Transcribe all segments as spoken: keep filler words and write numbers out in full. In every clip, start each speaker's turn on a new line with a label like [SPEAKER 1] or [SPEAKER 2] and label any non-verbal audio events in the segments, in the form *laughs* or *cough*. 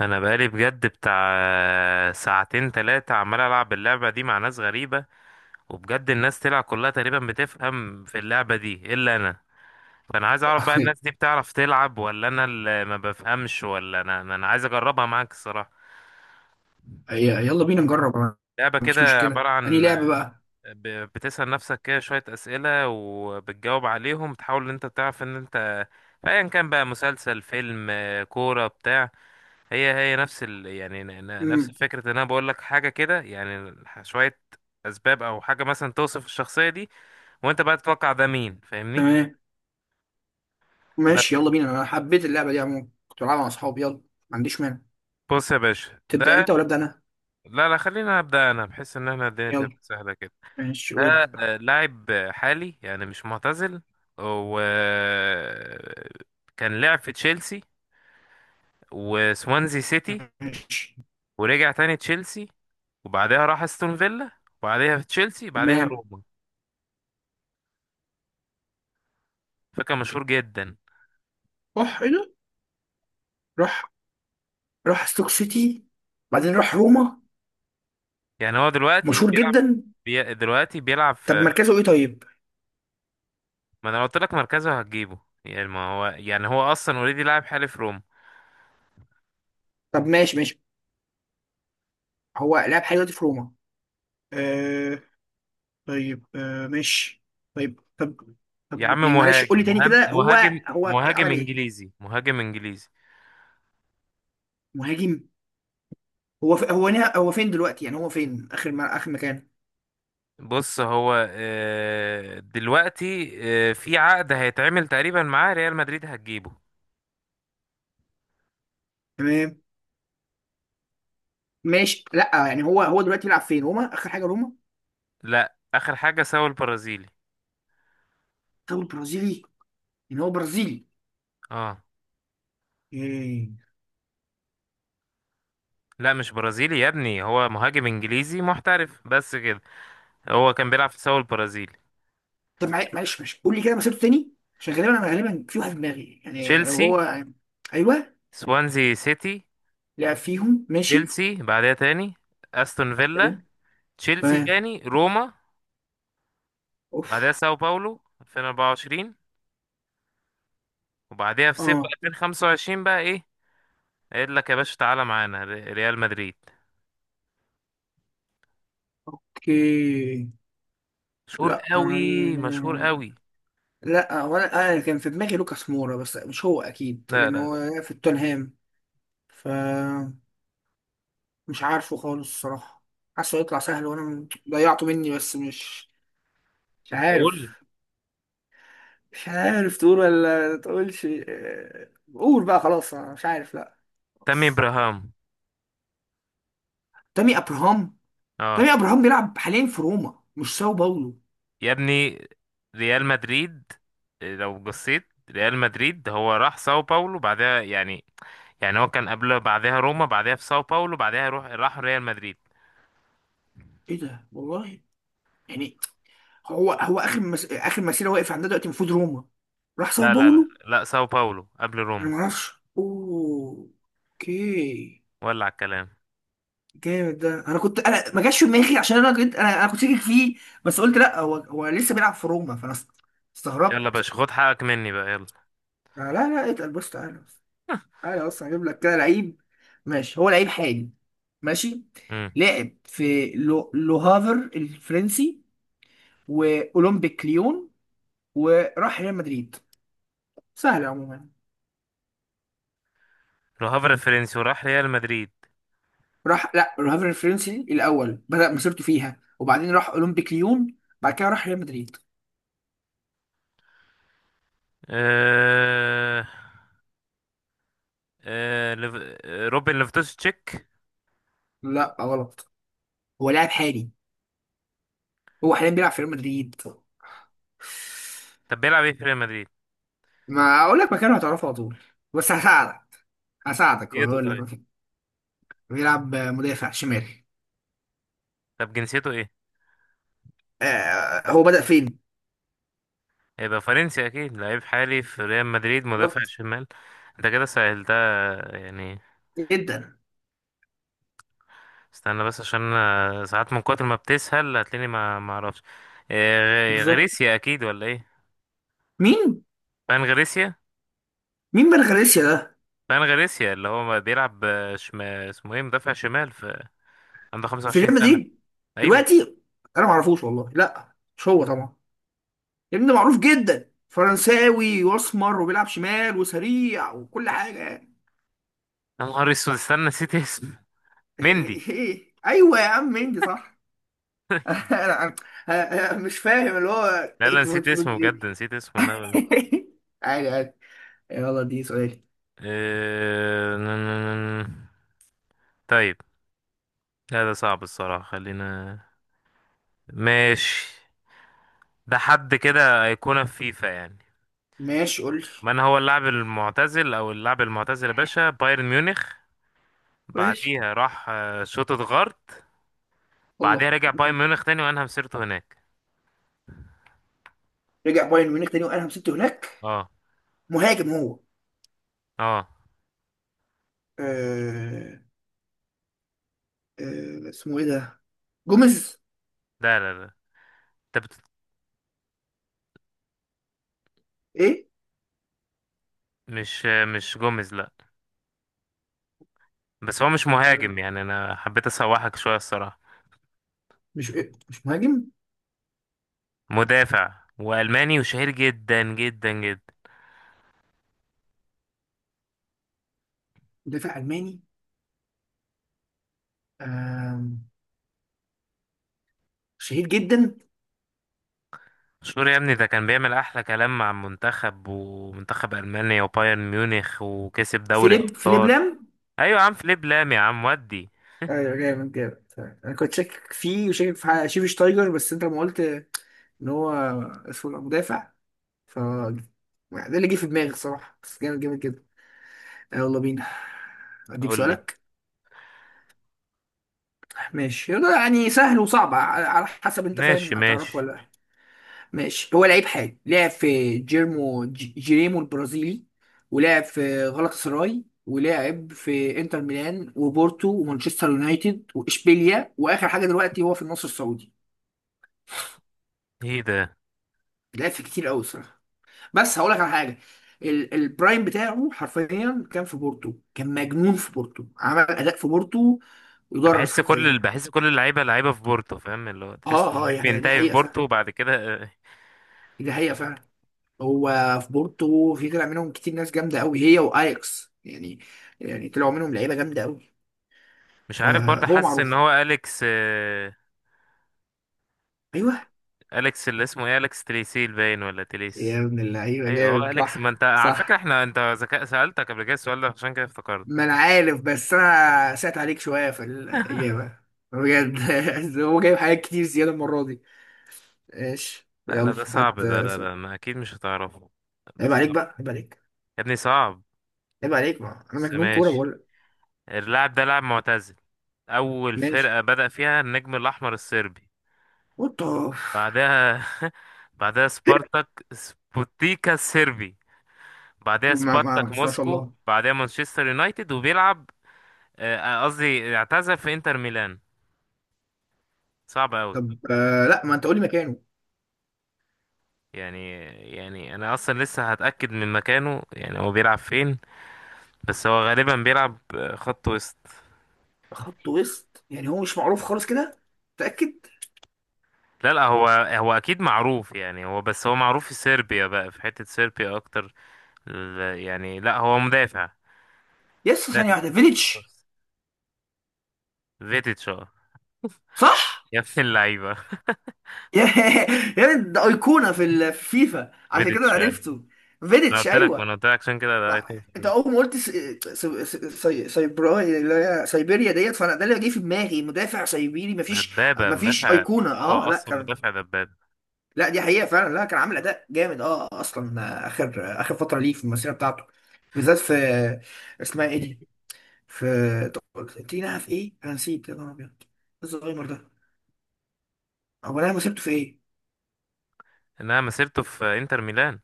[SPEAKER 1] انا بقالي بجد بتاع ساعتين تلاتة عمال العب اللعبة دي مع ناس غريبة. وبجد الناس تلعب كلها تقريبا بتفهم في اللعبة دي الا انا. فانا عايز اعرف بقى،
[SPEAKER 2] ي-
[SPEAKER 1] الناس دي بتعرف تلعب ولا انا اللي ما بفهمش؟ ولا انا انا أنا عايز اجربها معاك الصراحة.
[SPEAKER 2] يلا بينا نجرب. أنا ما
[SPEAKER 1] لعبة
[SPEAKER 2] عنديش
[SPEAKER 1] كده
[SPEAKER 2] مشكلة.
[SPEAKER 1] عبارة
[SPEAKER 2] أنهي
[SPEAKER 1] عن
[SPEAKER 2] لعبة بقى؟
[SPEAKER 1] ب- بتسأل نفسك كده شوية أسئلة، وبتجاوب عليهم، تحاول ان انت تعرف ان انت ايا كان بقى، مسلسل، فيلم، كورة، بتاع. هي هي نفس ال يعني ن- ن- نفس
[SPEAKER 2] مم.
[SPEAKER 1] فكرة ان انا بقول لك حاجة كده، يعني ح- شوية اسباب او حاجة مثلا توصف الشخصية دي، وانت بقى تتوقع ده مين، فاهمني؟
[SPEAKER 2] تمام، ماشي
[SPEAKER 1] بس.
[SPEAKER 2] يلا بينا. أنا حبيت اللعبة دي عموما، كنت بلعبها مع أصحابي. يلا، ما عنديش مانع.
[SPEAKER 1] بص يا باشا،
[SPEAKER 2] تبدأ
[SPEAKER 1] ده.
[SPEAKER 2] أنت ولا أبدأ أنا؟
[SPEAKER 1] لا لا، خلينا ابدا، انا بحس ان احنا الدنيا تبقى
[SPEAKER 2] يلا
[SPEAKER 1] سهلة كده.
[SPEAKER 2] ماشي
[SPEAKER 1] ده
[SPEAKER 2] وابدأ.
[SPEAKER 1] آه، لاعب حالي يعني مش معتزل. و كان لعب في تشيلسي وسوانزي سيتي.
[SPEAKER 2] ماشي،
[SPEAKER 1] ورجع تاني تشيلسي، وبعدها راح استون فيلا، وبعدها في تشيلسي، بعدها
[SPEAKER 2] تمام.
[SPEAKER 1] روما. فكان مشهور جدا.
[SPEAKER 2] راح إيه ده؟ راح راح ستوك سيتي، بعدين راح روما.
[SPEAKER 1] يعني هو دلوقتي
[SPEAKER 2] مشهور
[SPEAKER 1] بيلعب
[SPEAKER 2] جدا.
[SPEAKER 1] بي... دلوقتي بيلعب
[SPEAKER 2] طب
[SPEAKER 1] في.
[SPEAKER 2] مركزه إيه طيب؟
[SPEAKER 1] ما انا قلت لك مركزه هتجيبه. يعني ما هو، يعني هو اصلا اوريدي لاعب حالي في روما.
[SPEAKER 2] طب ماشي ماشي، هو لعب حاجة دلوقتي في روما؟ آه، طيب، آه ماشي. طيب، طب
[SPEAKER 1] يا
[SPEAKER 2] طب
[SPEAKER 1] عم،
[SPEAKER 2] يعني معلش قول
[SPEAKER 1] مهاجم
[SPEAKER 2] لي تاني
[SPEAKER 1] مهاجم
[SPEAKER 2] كده. هو
[SPEAKER 1] مهاجم
[SPEAKER 2] هو
[SPEAKER 1] مهاجم
[SPEAKER 2] عمل إيه؟
[SPEAKER 1] انجليزي، مهاجم انجليزي.
[SPEAKER 2] مهاجم. هو في هو نها... هو فين دلوقتي يعني هو فين اخر ما... اخر مكان؟
[SPEAKER 1] بص هو آه، دلوقتي آه، في عقد هيتعمل تقريبا معاه ريال مدريد هتجيبه.
[SPEAKER 2] تمام، ماشي. لا يعني هو هو دلوقتي بيلعب فين؟ روما؟ اخر حاجه روما؟
[SPEAKER 1] لا، اخر حاجه سوى البرازيلي.
[SPEAKER 2] طب البرازيلي؟ يعني هو برازيلي؟
[SPEAKER 1] اه.
[SPEAKER 2] ايه؟
[SPEAKER 1] لا مش برازيلي يا ابني، هو مهاجم انجليزي محترف بس كده. هو كان بيلعب في سوى البرازيلي.
[SPEAKER 2] طب معل- معلش معلش قول لي كده مسيرته تاني، عشان غالبا انا غالبا في واحد في دماغي يعني لو
[SPEAKER 1] تشيلسي،
[SPEAKER 2] هو. ايوه،
[SPEAKER 1] سوانزي سيتي،
[SPEAKER 2] لعب فيهم ماشي.
[SPEAKER 1] تشيلسي بعدها تاني، استون فيلا،
[SPEAKER 2] تمام.
[SPEAKER 1] تشيلسي
[SPEAKER 2] تمام.
[SPEAKER 1] تاني، روما، بعدها
[SPEAKER 2] اوف.
[SPEAKER 1] ساو باولو ألفين وأربعة وعشرين، وبعدها في صيف
[SPEAKER 2] اه.
[SPEAKER 1] ألفين وخمسة وعشرين بقى ايه قايل لك يا باشا؟ تعالى معانا ر- ريال مدريد.
[SPEAKER 2] اوكي.
[SPEAKER 1] مشهور
[SPEAKER 2] لا
[SPEAKER 1] قوي، مشهور
[SPEAKER 2] أنا...
[SPEAKER 1] قوي.
[SPEAKER 2] لا ولا انا كان في دماغي لوكاس مورا، بس مش هو اكيد
[SPEAKER 1] لا
[SPEAKER 2] لان
[SPEAKER 1] لا لا،
[SPEAKER 2] هو في توتنهام. ف مش عارفه خالص الصراحة. حاسه هيطلع سهل وانا م- ضيعته مني، بس مش، مش
[SPEAKER 1] اقول لي.
[SPEAKER 2] عارف. مش عارف تقول ولا تقولش؟ آه، قول بقى، خلاص انا مش عارف. لا
[SPEAKER 1] تامي
[SPEAKER 2] خلاص.
[SPEAKER 1] ابراهام.
[SPEAKER 2] تامي ابراهام.
[SPEAKER 1] اه.
[SPEAKER 2] تامي ابراهام بيلعب حاليا في روما، مش ساو باولو.
[SPEAKER 1] يا ابني ريال مدريد. لو بصيت ريال مدريد، هو راح ساو باولو بعدها يعني. يعني هو كان قبل، بعدها روما، بعدها في ساو باولو، بعدها يروح راح ريال مدريد.
[SPEAKER 2] ايه ده والله؟ يعني هو هو اخر مس... اخر مسيره واقف عندها دلوقتي المفروض روما؟ راح ساو
[SPEAKER 1] لا لا لا
[SPEAKER 2] باولو؟
[SPEAKER 1] لا، ساو باولو قبل
[SPEAKER 2] انا
[SPEAKER 1] روما.
[SPEAKER 2] ما اعرفش، اوه، اوكي.
[SPEAKER 1] ولع الكلام.
[SPEAKER 2] جامد ده، انا كنت، انا ما جاش في دماغي عشان انا كنت انا, أنا كنت شاكك فيه، بس قلت لا هو هو لسه بيلعب في روما، فانا است-
[SPEAKER 1] يلا يا
[SPEAKER 2] استغربت.
[SPEAKER 1] باشا، خد حقك مني بقى، يلا.
[SPEAKER 2] لا لا لا، اتقل، بص تعالى، تعالى اصلا هجيب لك كده لعيب. ماشي، هو لعيب حالي. ماشي.
[SPEAKER 1] امم.
[SPEAKER 2] لعب في لو... لوهافر الفرنسي، واولمبيك ليون، وراح ريال مدريد. سهل عموما.
[SPEAKER 1] لوهافر الفرنسي وراح ريال مدريد.
[SPEAKER 2] راح لا لوهافر الفرنسي الاول بدأ مسيرته فيها، وبعدين راح اولمبيك ليون، بعد كده راح ريال مدريد.
[SPEAKER 1] أه... أه... ليف- آه، روبن ليفتوس تشيك.
[SPEAKER 2] لا غلط، هو لاعب حالي. هو حاليا بيلعب في ريال مدريد.
[SPEAKER 1] طب بيلعب ايه في ريال مدريد؟
[SPEAKER 2] ما اقول لك مكانه هتعرفه على طول، بس هساعدك هساعدك
[SPEAKER 1] جنسيته،
[SPEAKER 2] وهقول لك
[SPEAKER 1] طيب؟
[SPEAKER 2] مكانه. بيلعب مدافع شمالي.
[SPEAKER 1] طب جنسيته ايه؟
[SPEAKER 2] آه، هو بدأ فين؟
[SPEAKER 1] هيبقى فرنسي اكيد، لعيب حالي في ريال مدريد، مدافع
[SPEAKER 2] بالظبط.
[SPEAKER 1] شمال. انت كده سهلتها يعني.
[SPEAKER 2] جدا،
[SPEAKER 1] استنى بس عشان أنا ساعات من كتر ما بتسهل هتلاقيني ما ما اعرفش. آه، غ-
[SPEAKER 2] بالظبط.
[SPEAKER 1] غريسيا اكيد ولا ايه؟
[SPEAKER 2] مين؟
[SPEAKER 1] فان غريسيا.
[SPEAKER 2] مين من غاليسيا ده؟
[SPEAKER 1] فان غاريسيا اللي هو بيلعب شم... اسمه ايه، مدافع شمال في، عنده
[SPEAKER 2] في
[SPEAKER 1] 25
[SPEAKER 2] ريال
[SPEAKER 1] سنة.
[SPEAKER 2] مدريد
[SPEAKER 1] ايوه.
[SPEAKER 2] دلوقتي. انا ما اعرفوش والله، لا مش هو طبعا. ابن معروف جدا، فرنساوي واسمر وبيلعب شمال وسريع وكل حاجه.
[SPEAKER 1] يا نهار اسود، استنى نسيت اسمه.
[SPEAKER 2] *laughs*
[SPEAKER 1] مندي.
[SPEAKER 2] ايوه يا عم انجي صح. *laughs* انا، أنا- أنا مش فاهم اللي هو
[SPEAKER 1] لا لا،
[SPEAKER 2] انت
[SPEAKER 1] نسيت
[SPEAKER 2] بتقول
[SPEAKER 1] اسمه بجد،
[SPEAKER 2] دي.
[SPEAKER 1] نسيت اسمه، لا لا.
[SPEAKER 2] *laughs* عادي عادي. يلا دي سؤالي.
[SPEAKER 1] إيه... ن- ن- ن- طيب. لا ده صعب الصراحة، خلينا. ماشي. ده حد كده أيقونة في فيفا يعني.
[SPEAKER 2] ماشي قول لي.
[SPEAKER 1] من هو اللاعب المعتزل أو اللاعب المعتزل يا باشا؟ بايرن ميونخ،
[SPEAKER 2] ماشي،
[SPEAKER 1] بعديها راح آه، شوتوتغارت، بعديها
[SPEAKER 2] الله.
[SPEAKER 1] رجع بايرن ميونخ تاني وأنهى مسيرته هناك.
[SPEAKER 2] رجع بايرن ميونخ تاني وقال مسكته هناك.
[SPEAKER 1] اه
[SPEAKER 2] مهاجم هو؟
[SPEAKER 1] اه.
[SPEAKER 2] آه... آه... اسمه ايه ده؟ جوميز؟
[SPEAKER 1] لا لا لا، انت بت...
[SPEAKER 2] ايه؟
[SPEAKER 1] مش مش جوميز؟ لا. بس هو مش
[SPEAKER 2] طب
[SPEAKER 1] مهاجم، يعني انا حبيت اسوحك شويه الصراحه.
[SPEAKER 2] مش إيه؟ مش مهاجم؟
[SPEAKER 1] مدافع والماني وشهير جدا جدا جدا.
[SPEAKER 2] مدافع الماني، آه... شهير جدا.
[SPEAKER 1] مشهور يا ابني، ده كان بيعمل احلى كلام مع المنتخب ومنتخب المانيا وبايرن ميونخ، وكسب دوري
[SPEAKER 2] فيليب فيليب
[SPEAKER 1] ابطال.
[SPEAKER 2] لام؟
[SPEAKER 1] ايوه يا عم، فليب لام يا عم ودي.
[SPEAKER 2] ايوه جامد جامد. انا كنت شاكك فيه وشاكك في حاجة- شيفي شتايجر، بس انت لما قلت ان هو اسمه مدافع، ف ده اللي جه في دماغي صراحة. بس جامد جامد جدا. آه، يلا بينا، اديك
[SPEAKER 1] قول لي.
[SPEAKER 2] سؤالك. ماشي يلا، يعني سهل وصعب ع- على حسب انت
[SPEAKER 1] ماشي
[SPEAKER 2] فاهم هتعرفه
[SPEAKER 1] ماشي.
[SPEAKER 2] ولا لا. ماشي، هو لعيب حالي، لعب في جيرمو ج- جيريمو البرازيلي، ولعب في غلطة سراي، ولعب في انتر ميلان وبورتو ومانشستر يونايتد واشبيليا، واخر حاجة دلوقتي هو في النصر السعودي.
[SPEAKER 1] ايه ده؟
[SPEAKER 2] لعب في كتير قوي. بس هقول لك على حاجه، ال- البرايم بتاعه حرفيا كان في بورتو، كان مجنون في بورتو، عمل اداء في بورتو يدرس
[SPEAKER 1] بحس كل
[SPEAKER 2] حرفيا.
[SPEAKER 1] ال- بحس كل اللعيبه، لعيبه في بورتو، فاهم اللي هو،
[SPEAKER 2] اه
[SPEAKER 1] تحس ان
[SPEAKER 2] اه
[SPEAKER 1] اللعيب
[SPEAKER 2] هي هي دي
[SPEAKER 1] بينتهي في
[SPEAKER 2] حقيقه
[SPEAKER 1] بورتو
[SPEAKER 2] فعلا،
[SPEAKER 1] وبعد كده. آه،
[SPEAKER 2] دي حقيقه فعلا. هو في بورتو في، طلع منهم كتير ناس جامده قوي، هي واياكس يعني، يعني طلعوا منهم لعيبه جامده قوي.
[SPEAKER 1] مش عارف برضه.
[SPEAKER 2] فهو
[SPEAKER 1] حاسس ان
[SPEAKER 2] معروف.
[SPEAKER 1] هو اليكس، آه،
[SPEAKER 2] ايوه.
[SPEAKER 1] اليكس اللي اسمه ايه، اليكس تليسيل باين ولا
[SPEAKER 2] يا
[SPEAKER 1] تليس؟
[SPEAKER 2] ابن اللعيبه،
[SPEAKER 1] ايوه هو
[SPEAKER 2] جامد
[SPEAKER 1] اليكس. ما
[SPEAKER 2] صح.
[SPEAKER 1] انت على فكره
[SPEAKER 2] صح،
[SPEAKER 1] احنا، انت ذكاء، سالتك قبل كده السؤال ده، عشان كده افتكرت.
[SPEAKER 2] ما انا عارف، بس انا سأت عليك شويه في الاجابه، بجد. *laughs* هو جايب حاجات كتير زياده المره دي. ماشي
[SPEAKER 1] لا لا،
[SPEAKER 2] يلا
[SPEAKER 1] ده صعب
[SPEAKER 2] هات،
[SPEAKER 1] ده،
[SPEAKER 2] آه،
[SPEAKER 1] لا
[SPEAKER 2] س-
[SPEAKER 1] لا، ما اكيد مش هتعرفه. ده
[SPEAKER 2] عيب عليك
[SPEAKER 1] صعب
[SPEAKER 2] بقى، عيب عليك،
[SPEAKER 1] يا ابني، صعب.
[SPEAKER 2] عيب عليك، ما انا
[SPEAKER 1] بس
[SPEAKER 2] مجنون كوره
[SPEAKER 1] ماشي.
[SPEAKER 2] بقول لك.
[SPEAKER 1] اللاعب ده لاعب معتزل. اول
[SPEAKER 2] ماشي.
[SPEAKER 1] فرقه بدأ فيها النجم الاحمر الصربي،
[SPEAKER 2] وات.
[SPEAKER 1] بعدها *laughs* بعدها سبارتاك سبوتيكا الصربي، بعدها
[SPEAKER 2] ما ما
[SPEAKER 1] سبارتاك
[SPEAKER 2] بس ما شاء
[SPEAKER 1] موسكو،
[SPEAKER 2] الله.
[SPEAKER 1] بعدها مانشستر يونايتد وبيلعب، آه، قصدي اعتزل في انتر ميلان. صعب قوي
[SPEAKER 2] طب آه، لا ما انت قول لي مكانه.
[SPEAKER 1] يعني. يعني انا اصلا لسه هتاكد من مكانه، يعني هو بيلعب فين؟ بس هو غالبا بيلعب خط وسط.
[SPEAKER 2] خط وسط؟ يعني هو مش معروف خالص كده؟ متاكد؟
[SPEAKER 1] لا لا، هو هو اكيد معروف يعني، هو بس هو معروف في صربيا بقى، في حته صربيا اكتر. ال- يعني لا هو مدافع.
[SPEAKER 2] يس، ثانيه
[SPEAKER 1] مدافع
[SPEAKER 2] واحده، فيليتش؟
[SPEAKER 1] خلاص. فيديتش. اه.
[SPEAKER 2] صح.
[SPEAKER 1] يا ابن اللعيبه،
[SPEAKER 2] *laughs* يا- يعني ده ايقونه في ال- في فيفا، عشان كده
[SPEAKER 1] فيديتش
[SPEAKER 2] أنا
[SPEAKER 1] فعلا.
[SPEAKER 2] عرفته.
[SPEAKER 1] انا
[SPEAKER 2] فيليتش
[SPEAKER 1] قلت لك، ما
[SPEAKER 2] ايوه.
[SPEAKER 1] انا قلت لك عشان كده ده
[SPEAKER 2] ما
[SPEAKER 1] هيكون
[SPEAKER 2] انت
[SPEAKER 1] خطير.
[SPEAKER 2] اول ما قلت سي... سي... سي... سيبرا اللي هي سيبيريا ديت فانا، ده اللي جه في دماغي، مدافع سيبيري. مفيش
[SPEAKER 1] دبابه
[SPEAKER 2] مفيش
[SPEAKER 1] مدافع،
[SPEAKER 2] ايقونه،
[SPEAKER 1] هو
[SPEAKER 2] اه لا
[SPEAKER 1] اصلا
[SPEAKER 2] كان.
[SPEAKER 1] مدافع دبابه.
[SPEAKER 2] لا دي حقيقه فعلا، لا كان عامل اداء جامد، اه اصلا اخر اخر فتره ليه في المسيره بتاعته، بالذات في، اسمها ايه دي، في، تينا في ايه، انا نسيت، يا نهار ابيض، إيه الزهايمر ده، هو انا مسيرته في ايه؟
[SPEAKER 1] انها مسيرته في انتر ميلان،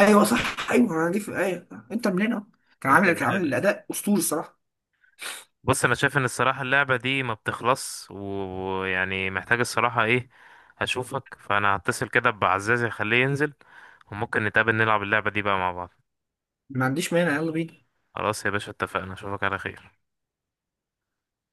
[SPEAKER 2] ايوه صح، ايوه انا دي في، ايوه انت منين اهو. كان
[SPEAKER 1] انتر
[SPEAKER 2] عامل، كان
[SPEAKER 1] ميلان.
[SPEAKER 2] عامل
[SPEAKER 1] آه.
[SPEAKER 2] اداء اسطوري الصراحه.
[SPEAKER 1] بص، انا شايف ان الصراحه اللعبه دي ما بتخلص و- ويعني، محتاج الصراحه ايه، هشوفك. فانا هتصل كده بعزازي اخليه ينزل، وممكن نتقابل نلعب اللعبه دي بقى مع بعض.
[SPEAKER 2] ما عنديش مانع، يلا بينا.
[SPEAKER 1] خلاص يا باشا اتفقنا، اشوفك على خير.